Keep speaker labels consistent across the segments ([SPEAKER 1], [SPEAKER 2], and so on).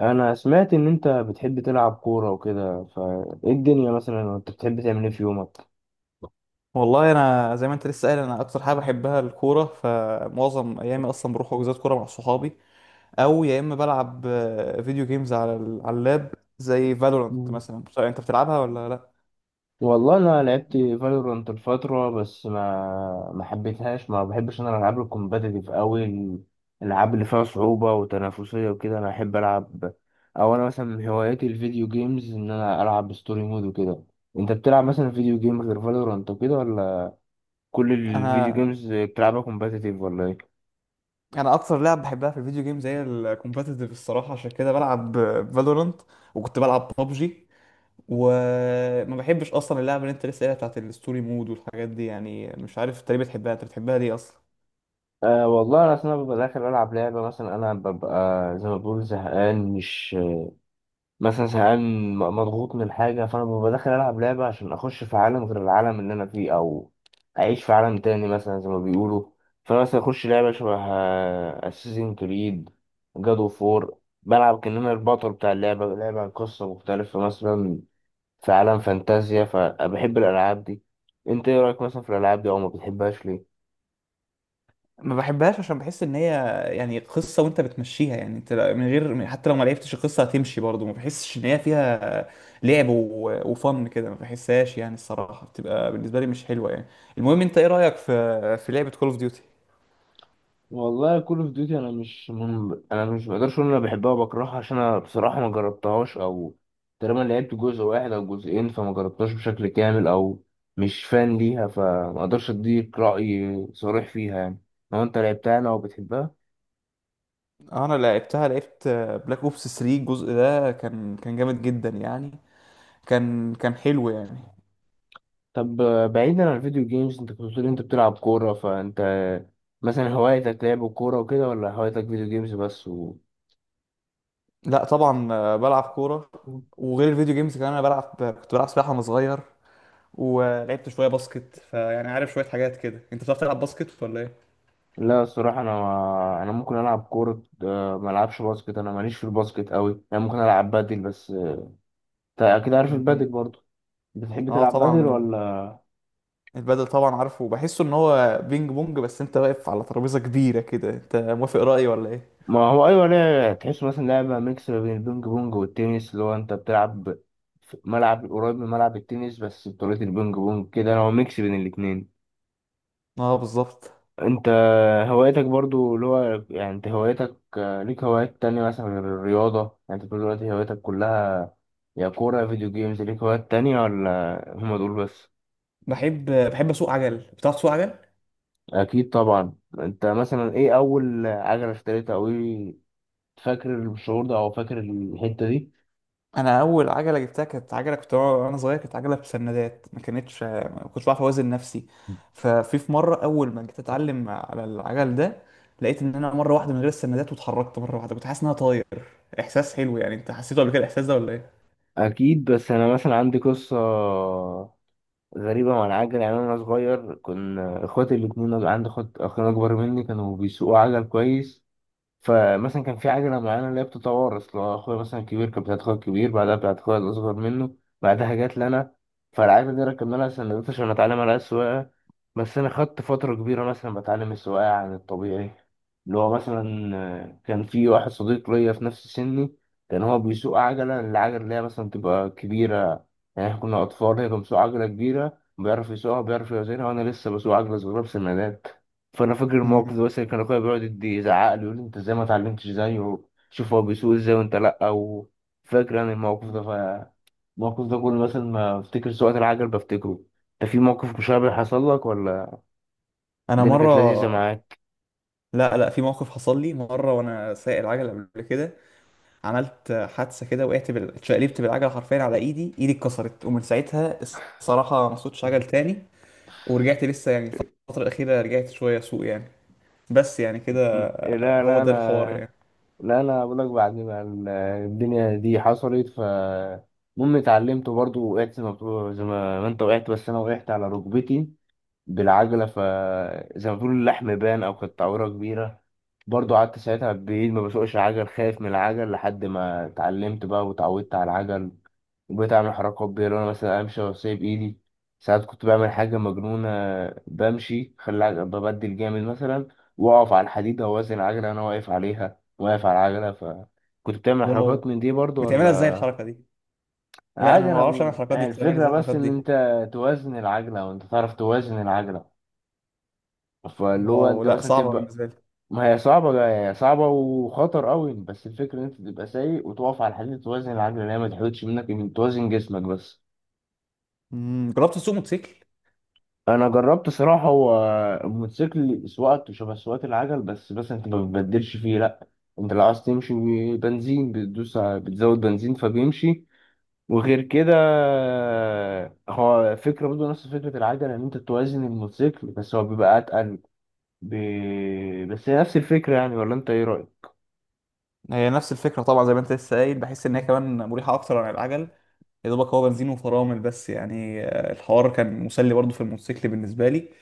[SPEAKER 1] انا سمعت ان انت بتحب تلعب كورة وكده، فايه الدنيا؟ مثلا انت بتحب تعمل ايه في يومك؟
[SPEAKER 2] والله انا زي ما انت لسه قايل انا اكتر حاجه بحبها الكوره، فمعظم ايامي اصلا بروح حجوزات كوره مع صحابي، او يا اما بلعب فيديو جيمز على على اللاب، زي فالورانت
[SPEAKER 1] مم.
[SPEAKER 2] مثلا. مش عارف انت بتلعبها ولا لا.
[SPEAKER 1] والله انا لعبت فالورانت الفترة، بس ما حبيتهاش. ما بحبش انا الالعاب الكومباتيتيف قوي. الالعاب اللي فيها صعوبة وتنافسية وكده انا احب العب. او انا مثلا من هواياتي الفيديو جيمز، ان انا العب ستوري مود وكده. انت بتلعب مثلا فيديو جيم غير فالورانت وكده ولا؟ كل الفيديو
[SPEAKER 2] انا
[SPEAKER 1] جيمز بتلعبها كومباتيتيف ولا ايه؟
[SPEAKER 2] انا اكتر لعب بحبها في الفيديو جيمز هي الكومبتيتيف الصراحه، عشان كده بلعب فالورانت، وكنت بلعب ببجي. وما بحبش اصلا اللعبه اللي انت لسه قايلها بتاعت الستوري مود والحاجات دي. يعني مش عارف انت ليه بتحبها، انت بتحبها ليه اصلا؟
[SPEAKER 1] أه، والله أنا أصلا ببقى داخل ألعب لعبة. مثلا أنا ببقى زي ما بقول زهقان، مش مثلا زهقان، مضغوط من حاجة، فأنا ببقى داخل ألعب لعبة عشان أخش في عالم غير العالم اللي أنا فيه، أو أعيش في عالم تاني مثلا زي ما بيقولوا. فأنا مثلا أخش لعبة شبه أساسين كريد، جاد أوف وور. بلعب كأن أنا البطل بتاع اللعبة، لعبة عن قصة مختلفة مثلا، في عالم فانتازيا، فبحب الألعاب دي. أنت إيه رأيك مثلا في الألعاب دي؟ أو ما بتحبهاش ليه؟
[SPEAKER 2] ما بحبهاش عشان بحس ان هي يعني قصه وانت بتمشيها، يعني انت من غير حتى لو ما لعبتش القصه هتمشي برضه. ما بحسش ان هي فيها لعب وفن كده، ما بحسهاش يعني. الصراحه بتبقى بالنسبه لي مش حلوه يعني. المهم، انت ايه رايك في لعبه كول اوف ديوتي؟
[SPEAKER 1] والله كول اوف ديوتي، انا مش بقدرش اقول إن انا بحبها وبكرهها، عشان انا بصراحه ما جربتهاش، او تقريبا لعبت جزء واحد او جزئين، فما جربتهاش بشكل كامل، او مش فان ليها، فما اقدرش اديك راي صريح فيها يعني. لو انت لعبتها انا وبتحبها.
[SPEAKER 2] انا لعبتها، لعبت بلاك اوبس 3، الجزء ده كان جامد جدا يعني، كان حلو يعني.
[SPEAKER 1] طب بعيدا عن الفيديو جيمز، انت كنت بتقول انت بتلعب كوره، فانت مثلا هوايتك لعب الكوره وكده ولا هوايتك فيديو جيمز بس و...
[SPEAKER 2] لا طبعا، بلعب كوره. وغير الفيديو جيمز كمان انا بلعب، كنت بلعب سباحه وانا صغير، ولعبت شويه باسكت. فيعني عارف، شويه حاجات كده. انت بتعرف تلعب باسكت ولا ايه؟
[SPEAKER 1] لا، الصراحة أنا ممكن ألعب كورة، ما ألعبش باسكت. أنا ماليش في الباسكت أوي يعني، ممكن ألعب بادل بس. أنت أكيد عارف البادل
[SPEAKER 2] مم.
[SPEAKER 1] برضه. بتحب
[SPEAKER 2] اه
[SPEAKER 1] تلعب بادل
[SPEAKER 2] طبعا.
[SPEAKER 1] ولا؟
[SPEAKER 2] البدل طبعا عارفه، بحسه ان هو بينج بونج بس انت واقف على ترابيزة كبيرة كده. انت موافق رأيي ولا ايه؟
[SPEAKER 1] ما هو أيوة. لا، تحس مثلا لعبة ميكس ما بين البينج بونج والتنس، اللي هو أنت بتلعب في ملعب قريب من ملعب التنس بس بطريقة البينج بونج كده، هو ميكس بين الاتنين.
[SPEAKER 2] اه بالظبط.
[SPEAKER 1] انت هوايتك برضو اللي هو، يعني انت هوايتك ليك هوايات تانية مثلا غير الرياضة؟ يعني انت بتقول دلوقتي هوايتك كلها يا كورة يا فيديو جيمز، ليك هوايات تانية ولا هما دول بس؟
[SPEAKER 2] بحب اسوق عجل. بتعرف تسوق عجل؟
[SPEAKER 1] اكيد طبعا. انت مثلا ايه اول عجلة اشتريتها، او ايه فاكر الشعور ده، او فاكر الحتة دي؟
[SPEAKER 2] انا اول عجله جبتها كانت عجله كنت وانا صغير، كانت عجله بسندات، ما كنتش بعرف اوازن نفسي. ففي مره اول ما جيت اتعلم على العجل ده، لقيت ان انا مره واحده من غير السندات، واتحركت مره واحده، كنت حاسس ان انا طاير. احساس حلو يعني. انت حسيته قبل كده الاحساس ده ولا ايه؟
[SPEAKER 1] اكيد، بس انا مثلا عندي قصة غريبة مع العجل. يعني انا صغير كنا اخواتي الاتنين، عندي اخوات اخين اكبر مني كانوا بيسوقوا عجل كويس. فمثلا كان في عجلة معينة اللي هي بتتوارث، لو أخويا مثلا كبير كانت بتاعت أخويا الكبير، بعدها بتاعت أخويا الأصغر منه، بعدها جات لنا. فالعجلة دي ركبنا لها سندوتش عشان أتعلم عليها السواقة. بس أنا خدت فترة كبيرة مثلا بتعلم السواقة عن الطبيعي، اللي هو مثلا كان في واحد صديق ليا في نفس سني. كان هو بيسوق عجلة، العجلة اللي هي مثلا تبقى كبيرة. يعني إحنا كنا أطفال، هي كان بيسوق عجلة كبيرة بيعرف يسوقها، بيعرف يوزنها، وأنا لسه بسوق عجلة صغيرة بسندات. فانا فاكر
[SPEAKER 2] مم.
[SPEAKER 1] الموقف ده، بس كان اخويا بيقعد يزعق لي يقول لي انت ازاي ما اتعلمتش زيه؟ شوف هو بيسوق ازاي وانت لا، او فاكر انا الموقف ده. فالموقف ده كل مثلا ما افتكر سواقة العجل بفتكره. انت في موقف مشابه حصل لك ولا؟
[SPEAKER 2] انا
[SPEAKER 1] الدنيا كانت
[SPEAKER 2] مره
[SPEAKER 1] لذيذة معاك؟
[SPEAKER 2] لا لا، في موقف حصل لي مره وانا سايق العجله قبل كده. عملت حادثه كده، وقعت اتشقلبت بالعجله حرفيا على ايدي. ايدي اتكسرت، ومن ساعتها الصراحه ما صوتش عجل تاني. ورجعت لسه يعني الفترة الأخيرة، رجعت شوية سوق يعني. بس يعني كده،
[SPEAKER 1] إيه، لا
[SPEAKER 2] هو
[SPEAKER 1] لا،
[SPEAKER 2] ده الحوار
[SPEAKER 1] انا
[SPEAKER 2] يعني.
[SPEAKER 1] لا انا بقول لك بعد ما الدنيا دي حصلت، ف... المهم اتعلمت برضه، وقعت زي ما انت وقعت، بس انا وقعت على ركبتي بالعجلة، فزي ما بيقولوا اللحم بان، أو كانت تعويرة كبيرة. برضو قعدت ساعتها بعيد ما بسوقش عجل، خايف من العجل، لحد ما اتعلمت بقى وتعودت على العجل. وبقيت أعمل حركات بيه، لو أنا مثلا أمشي وأسيب إيدي، ساعات كنت بعمل حاجة مجنونة. بمشي ببدل جامد مثلا، وأقف على الحديدة وأوازن العجلة أنا واقف عليها، واقف على العجلة. فكنت بتعمل
[SPEAKER 2] واو،
[SPEAKER 1] حركات من دي برضو
[SPEAKER 2] بتعملها ازاي
[SPEAKER 1] ولا؟
[SPEAKER 2] الحركة دي؟ لا أنا
[SPEAKER 1] عادي،
[SPEAKER 2] ما
[SPEAKER 1] أنا
[SPEAKER 2] بعرفش أعمل الحركات
[SPEAKER 1] يعني
[SPEAKER 2] دي، بتعمل
[SPEAKER 1] الفكرة
[SPEAKER 2] ازاي
[SPEAKER 1] بس
[SPEAKER 2] الحركات
[SPEAKER 1] إن أنت
[SPEAKER 2] دي؟
[SPEAKER 1] توازن العجلة، وأنت تعرف توازن العجلة، فاللي هو
[SPEAKER 2] واو،
[SPEAKER 1] انت
[SPEAKER 2] لا
[SPEAKER 1] مثلا
[SPEAKER 2] صعبة
[SPEAKER 1] تبقى...
[SPEAKER 2] بالنسبة لي.
[SPEAKER 1] ما هي صعبة، هي صعبة وخطر قوي، بس الفكرة ان انت تبقى سايق وتقف على الحديد، توازن العجلة اللي هي ما تحودش منك، من توازن جسمك بس.
[SPEAKER 2] جربت تسوق موتوسيكل؟
[SPEAKER 1] انا جربت صراحة، هو الموتوسيكل سواقته شبه سواقة العجل، بس انت ما بتبدلش فيه لا، انت لو عايز تمشي بنزين بتدوس بتزود بنزين فبيمشي. وغير كده، هو فكرة برضه نفس فكرة العجلة، ان انت توازن الموتوسيكل، بس هو بيبقى اتقل ب... بس هي نفس الفكرة يعني، ولا انت ايه رأيك؟
[SPEAKER 2] هي نفس الفكرة طبعا، زي ما أنت لسه قايل. بحس إن هي كمان مريحة أكتر عن العجل. يا دوبك هو بنزين وفرامل بس يعني، الحوار كان مسلي برضه في الموتوسيكل بالنسبة لي.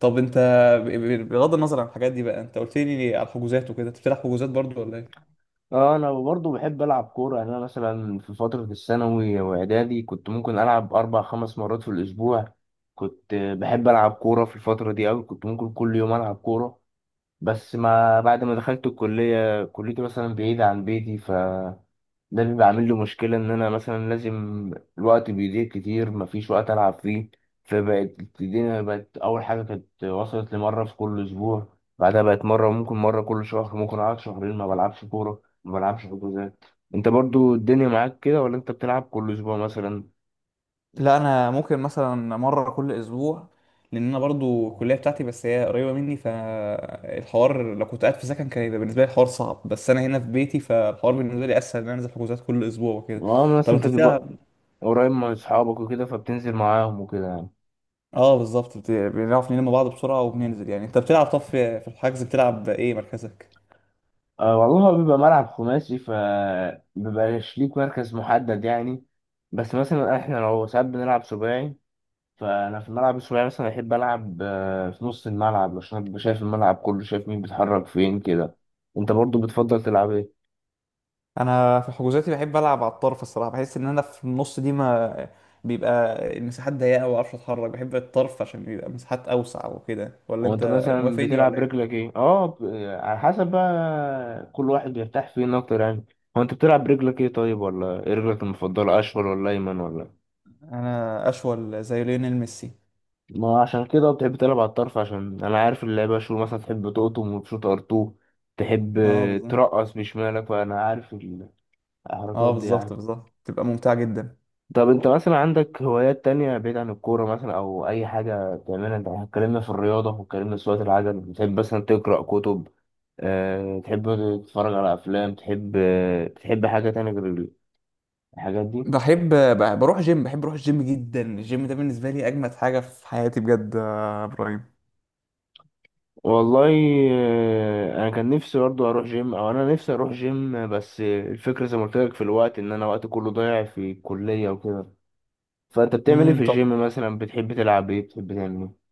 [SPEAKER 2] طب أنت بغض النظر عن الحاجات دي بقى، أنت قلت لي على الحجوزات وكده. أنت بتلعب حجوزات برضه ولا إيه؟
[SPEAKER 1] اه، انا برضو بحب العب كوره. يعني انا مثلا في فتره الثانوي واعدادي كنت ممكن العب اربع خمس مرات في الاسبوع، كنت بحب العب كوره في الفتره دي قوي، كنت ممكن كل يوم العب كوره. بس ما بعد ما دخلت الكليه، كليتي مثلا بعيده عن بيتي، ف ده بيبقى عامل لي مشكلة، إن أنا مثلا لازم الوقت بيضيع كتير، مفيش وقت ألعب فيه. فبقت الدنيا، بقت أول حاجة كانت وصلت لمرة في كل أسبوع، بعدها بقت مرة، ممكن مرة كل شهر، ممكن أقعد شهرين ما بلعبش كورة، ما بلعبش حجوزات. أنت برضو الدنيا معاك كده ولا أنت بتلعب كل أسبوع مثلا؟
[SPEAKER 2] لا انا ممكن مثلا مره كل اسبوع، لان انا برضو الكليه بتاعتي بس هي قريبه مني. فالحوار لو كنت قاعد في سكن كان يبقى بالنسبه لي الحوار صعب، بس انا هنا في بيتي، فالحوار بالنسبه لي اسهل ان انا انزل حجوزات كل اسبوع وكده.
[SPEAKER 1] أه، مثلا
[SPEAKER 2] طب انت
[SPEAKER 1] أنت بيبقى
[SPEAKER 2] بتلعب؟
[SPEAKER 1] قريب من أصحابك وكده فبتنزل معاهم وكده يعني.
[SPEAKER 2] اه بالظبط، بنعرف نلم بعض بسرعه وبننزل يعني. انت بتلعب، طب في الحجز بتلعب ايه مركزك؟
[SPEAKER 1] أه والله، هو بيبقى ملعب خماسي فبيبقاش ليك مركز محدد يعني. بس مثلا احنا لو ساعات بنلعب سباعي، فانا في الملعب الصغير مثلا احب العب في نص الملعب، عشان ابقى شايف الملعب كله، شايف مين بيتحرك فين كده. انت برضو بتفضل تلعب ايه؟
[SPEAKER 2] انا في حجوزاتي بحب العب على الطرف الصراحه. بحس ان انا في النص دي ما بيبقى المساحات ضيقه وما اعرفش اتحرك. بحب الطرف عشان بيبقى مساحات اوسع وكده، ولا
[SPEAKER 1] وانت
[SPEAKER 2] انت
[SPEAKER 1] مثلا
[SPEAKER 2] موافقني ولا
[SPEAKER 1] بتلعب
[SPEAKER 2] ايه؟
[SPEAKER 1] رجلك ايه؟ على حسب بقى، كل واحد بيرتاح فين اكتر يعني. هو انت بتلعب رجلك ايه طيب، ولا ايه رجلك المفضله، اشول ولا ايمن ولا؟
[SPEAKER 2] انا اشول زي ليونيل ميسي.
[SPEAKER 1] ما عشان كده بتحب تلعب على الطرف، عشان انا عارف اللعيبه اشول مثلا تحب تقطم وتشوط ار2، تحب
[SPEAKER 2] اه بالظبط.
[SPEAKER 1] ترقص بشمالك، فانا عارف
[SPEAKER 2] اه
[SPEAKER 1] الحركات دي
[SPEAKER 2] بالظبط،
[SPEAKER 1] يعني.
[SPEAKER 2] بالظبط، تبقى ممتعه جدا.
[SPEAKER 1] طب انت مثلا عندك هوايات تانية بعيد عن الكورة، مثلا او اي حاجة بتعملها؟ انت اتكلمنا في الرياضة، واتكلمنا في سواقة العجل. بتحب مثلا تقرأ كتب، أه تحب تتفرج على افلام، تحب تحب حاجة تانية غير الحاجات دي؟
[SPEAKER 2] بحب بروح جيم. بحب اروح الجيم جدا. الجيم ده بالنسبه لي اجمد حاجه في حياتي بجد يا ابراهيم.
[SPEAKER 1] والله انا كان نفسي برضه اروح جيم، او انا نفسي اروح جيم، بس الفكرة زي ما قلت لك في الوقت، ان انا وقتي كله ضايع في الكلية وكده. فانت بتعمل ايه في
[SPEAKER 2] طب،
[SPEAKER 1] الجيم مثلا؟ بتحب تلعب ايه، بتحب تعمل ايه؟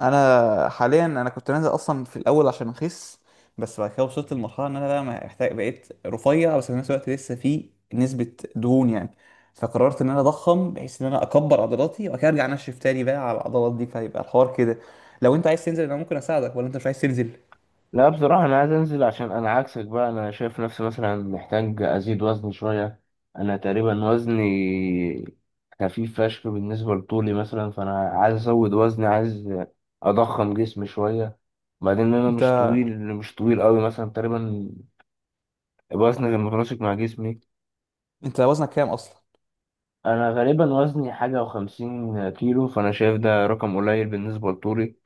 [SPEAKER 2] انا حاليا انا كنت نازل اصلا في الاول عشان اخس، بس بعد كده وصلت لمرحله ان انا بقى محتاج. بقيت رفيع بس في نفس الوقت لسه في نسبه دهون يعني. فقررت ان انا اضخم بحيث ان انا اكبر عضلاتي، وبعد كده ارجع انشف تاني بقى على العضلات دي. فيبقى الحوار كده، لو انت عايز تنزل انا ممكن اساعدك، ولا انت مش عايز تنزل؟
[SPEAKER 1] لا بصراحة أنا عايز أنزل، عشان أنا عكسك بقى، أنا شايف نفسي مثلا محتاج أزيد وزن شوية. أنا تقريبا وزني خفيف فشخ بالنسبة لطولي مثلا، فأنا عايز أزود وزني، عايز أضخم جسمي شوية. بعدين أنا
[SPEAKER 2] انت
[SPEAKER 1] مش طويل، مش طويل أوي مثلا تقريبا، وزني متناسق مع جسمي.
[SPEAKER 2] انت وزنك كام اصلا؟
[SPEAKER 1] أنا غالبا وزني حاجة وخمسين كيلو، فأنا شايف ده رقم قليل بالنسبة لطولي،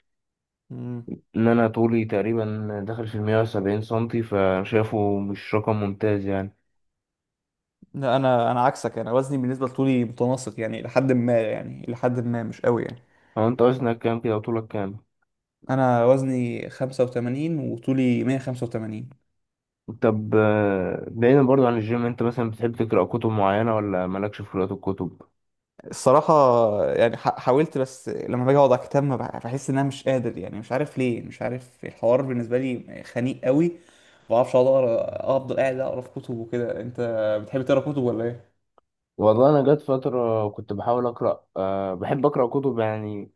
[SPEAKER 2] مم.
[SPEAKER 1] إن أنا طولي تقريبا داخل في 170 سنتي، فشايفه مش رقم ممتاز يعني.
[SPEAKER 2] لا انا عكسك. انا وزني بالنسبه لطولي متناسق يعني لحد ما، يعني لحد ما مش قوي يعني.
[SPEAKER 1] هو انت وزنك كام كده وطولك كام؟
[SPEAKER 2] انا وزني 85 وطولي 185.
[SPEAKER 1] طب، بعيدا برضو عن الجيم، انت مثلا بتحب تقرأ كتب معينة ولا مالكش في قراءة الكتب؟
[SPEAKER 2] الصراحة يعني حاولت، بس لما باجي اقعد على الكتاب ما بحس ان انا مش قادر يعني. مش عارف ليه، مش عارف الحوار بالنسبة لي خنيق قوي. ما بعرفش اقعد اقرا، افضل قاعد اقرا في كتب وكده. انت بتحب تقرا كتب ولا ايه؟
[SPEAKER 1] والله انا جت فترة كنت بحاول أقرأ، بحب أقرأ كتب يعني.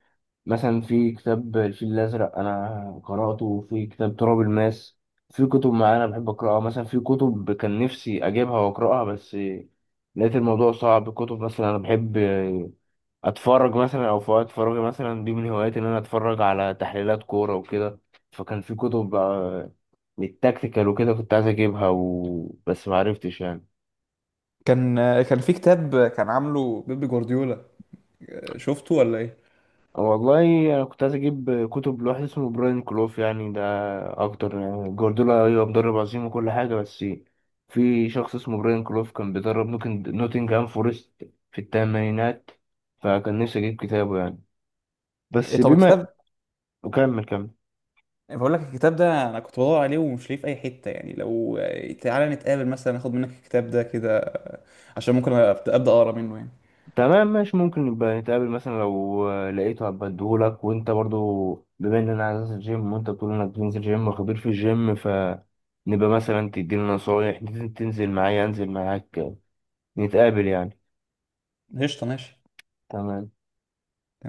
[SPEAKER 1] مثلا في كتاب الفيل الأزرق انا قرأته، في كتاب تراب الماس. في كتب معينة بحب أقرأها، مثلا في كتب كان نفسي اجيبها وأقرأها، بس لقيت الموضوع صعب. كتب مثلا انا بحب اتفرج مثلا، او في وقت فراغي مثلا دي من هواياتي ان انا اتفرج على تحليلات كوره وكده. فكان في كتب للتكتيكال وكده كنت عايز اجيبها و... بس ما عرفتش يعني.
[SPEAKER 2] كان كان في كتاب كان عامله بيب جوارديولا، شفته ولا ايه؟
[SPEAKER 1] والله انا كنت عايز اجيب كتب لواحد اسمه براين كلوف، يعني ده اكتر، يعني جوارديولا ايوه مدرب عظيم وكل حاجه، بس في شخص اسمه براين كلوف كان بيدرب نوتنجهام فورست في الثمانينات، فكان نفسي اجيب كتابه يعني،
[SPEAKER 2] إيه
[SPEAKER 1] بس
[SPEAKER 2] طب
[SPEAKER 1] بما...
[SPEAKER 2] الكتاب،
[SPEAKER 1] وكمل كمل.
[SPEAKER 2] بقول لك الكتاب ده انا كنت بدور عليه ومش لاقيه في اي حتة يعني. لو تعالى نتقابل مثلا اخد منك الكتاب ده كده، عشان ممكن أبدأ اقرا منه يعني.
[SPEAKER 1] تمام ماشي، ممكن نبقى نتقابل مثلا لو لقيته هبقى اديهولك. وانت برضو بما ان انا عايز انزل جيم وانت بتقول انك بتنزل جيم وخبير في الجيم، فنبقى مثلا تديني نصايح، تنزل معايا، انزل معاك، نتقابل يعني.
[SPEAKER 2] قشطة، ماشي.
[SPEAKER 1] تمام.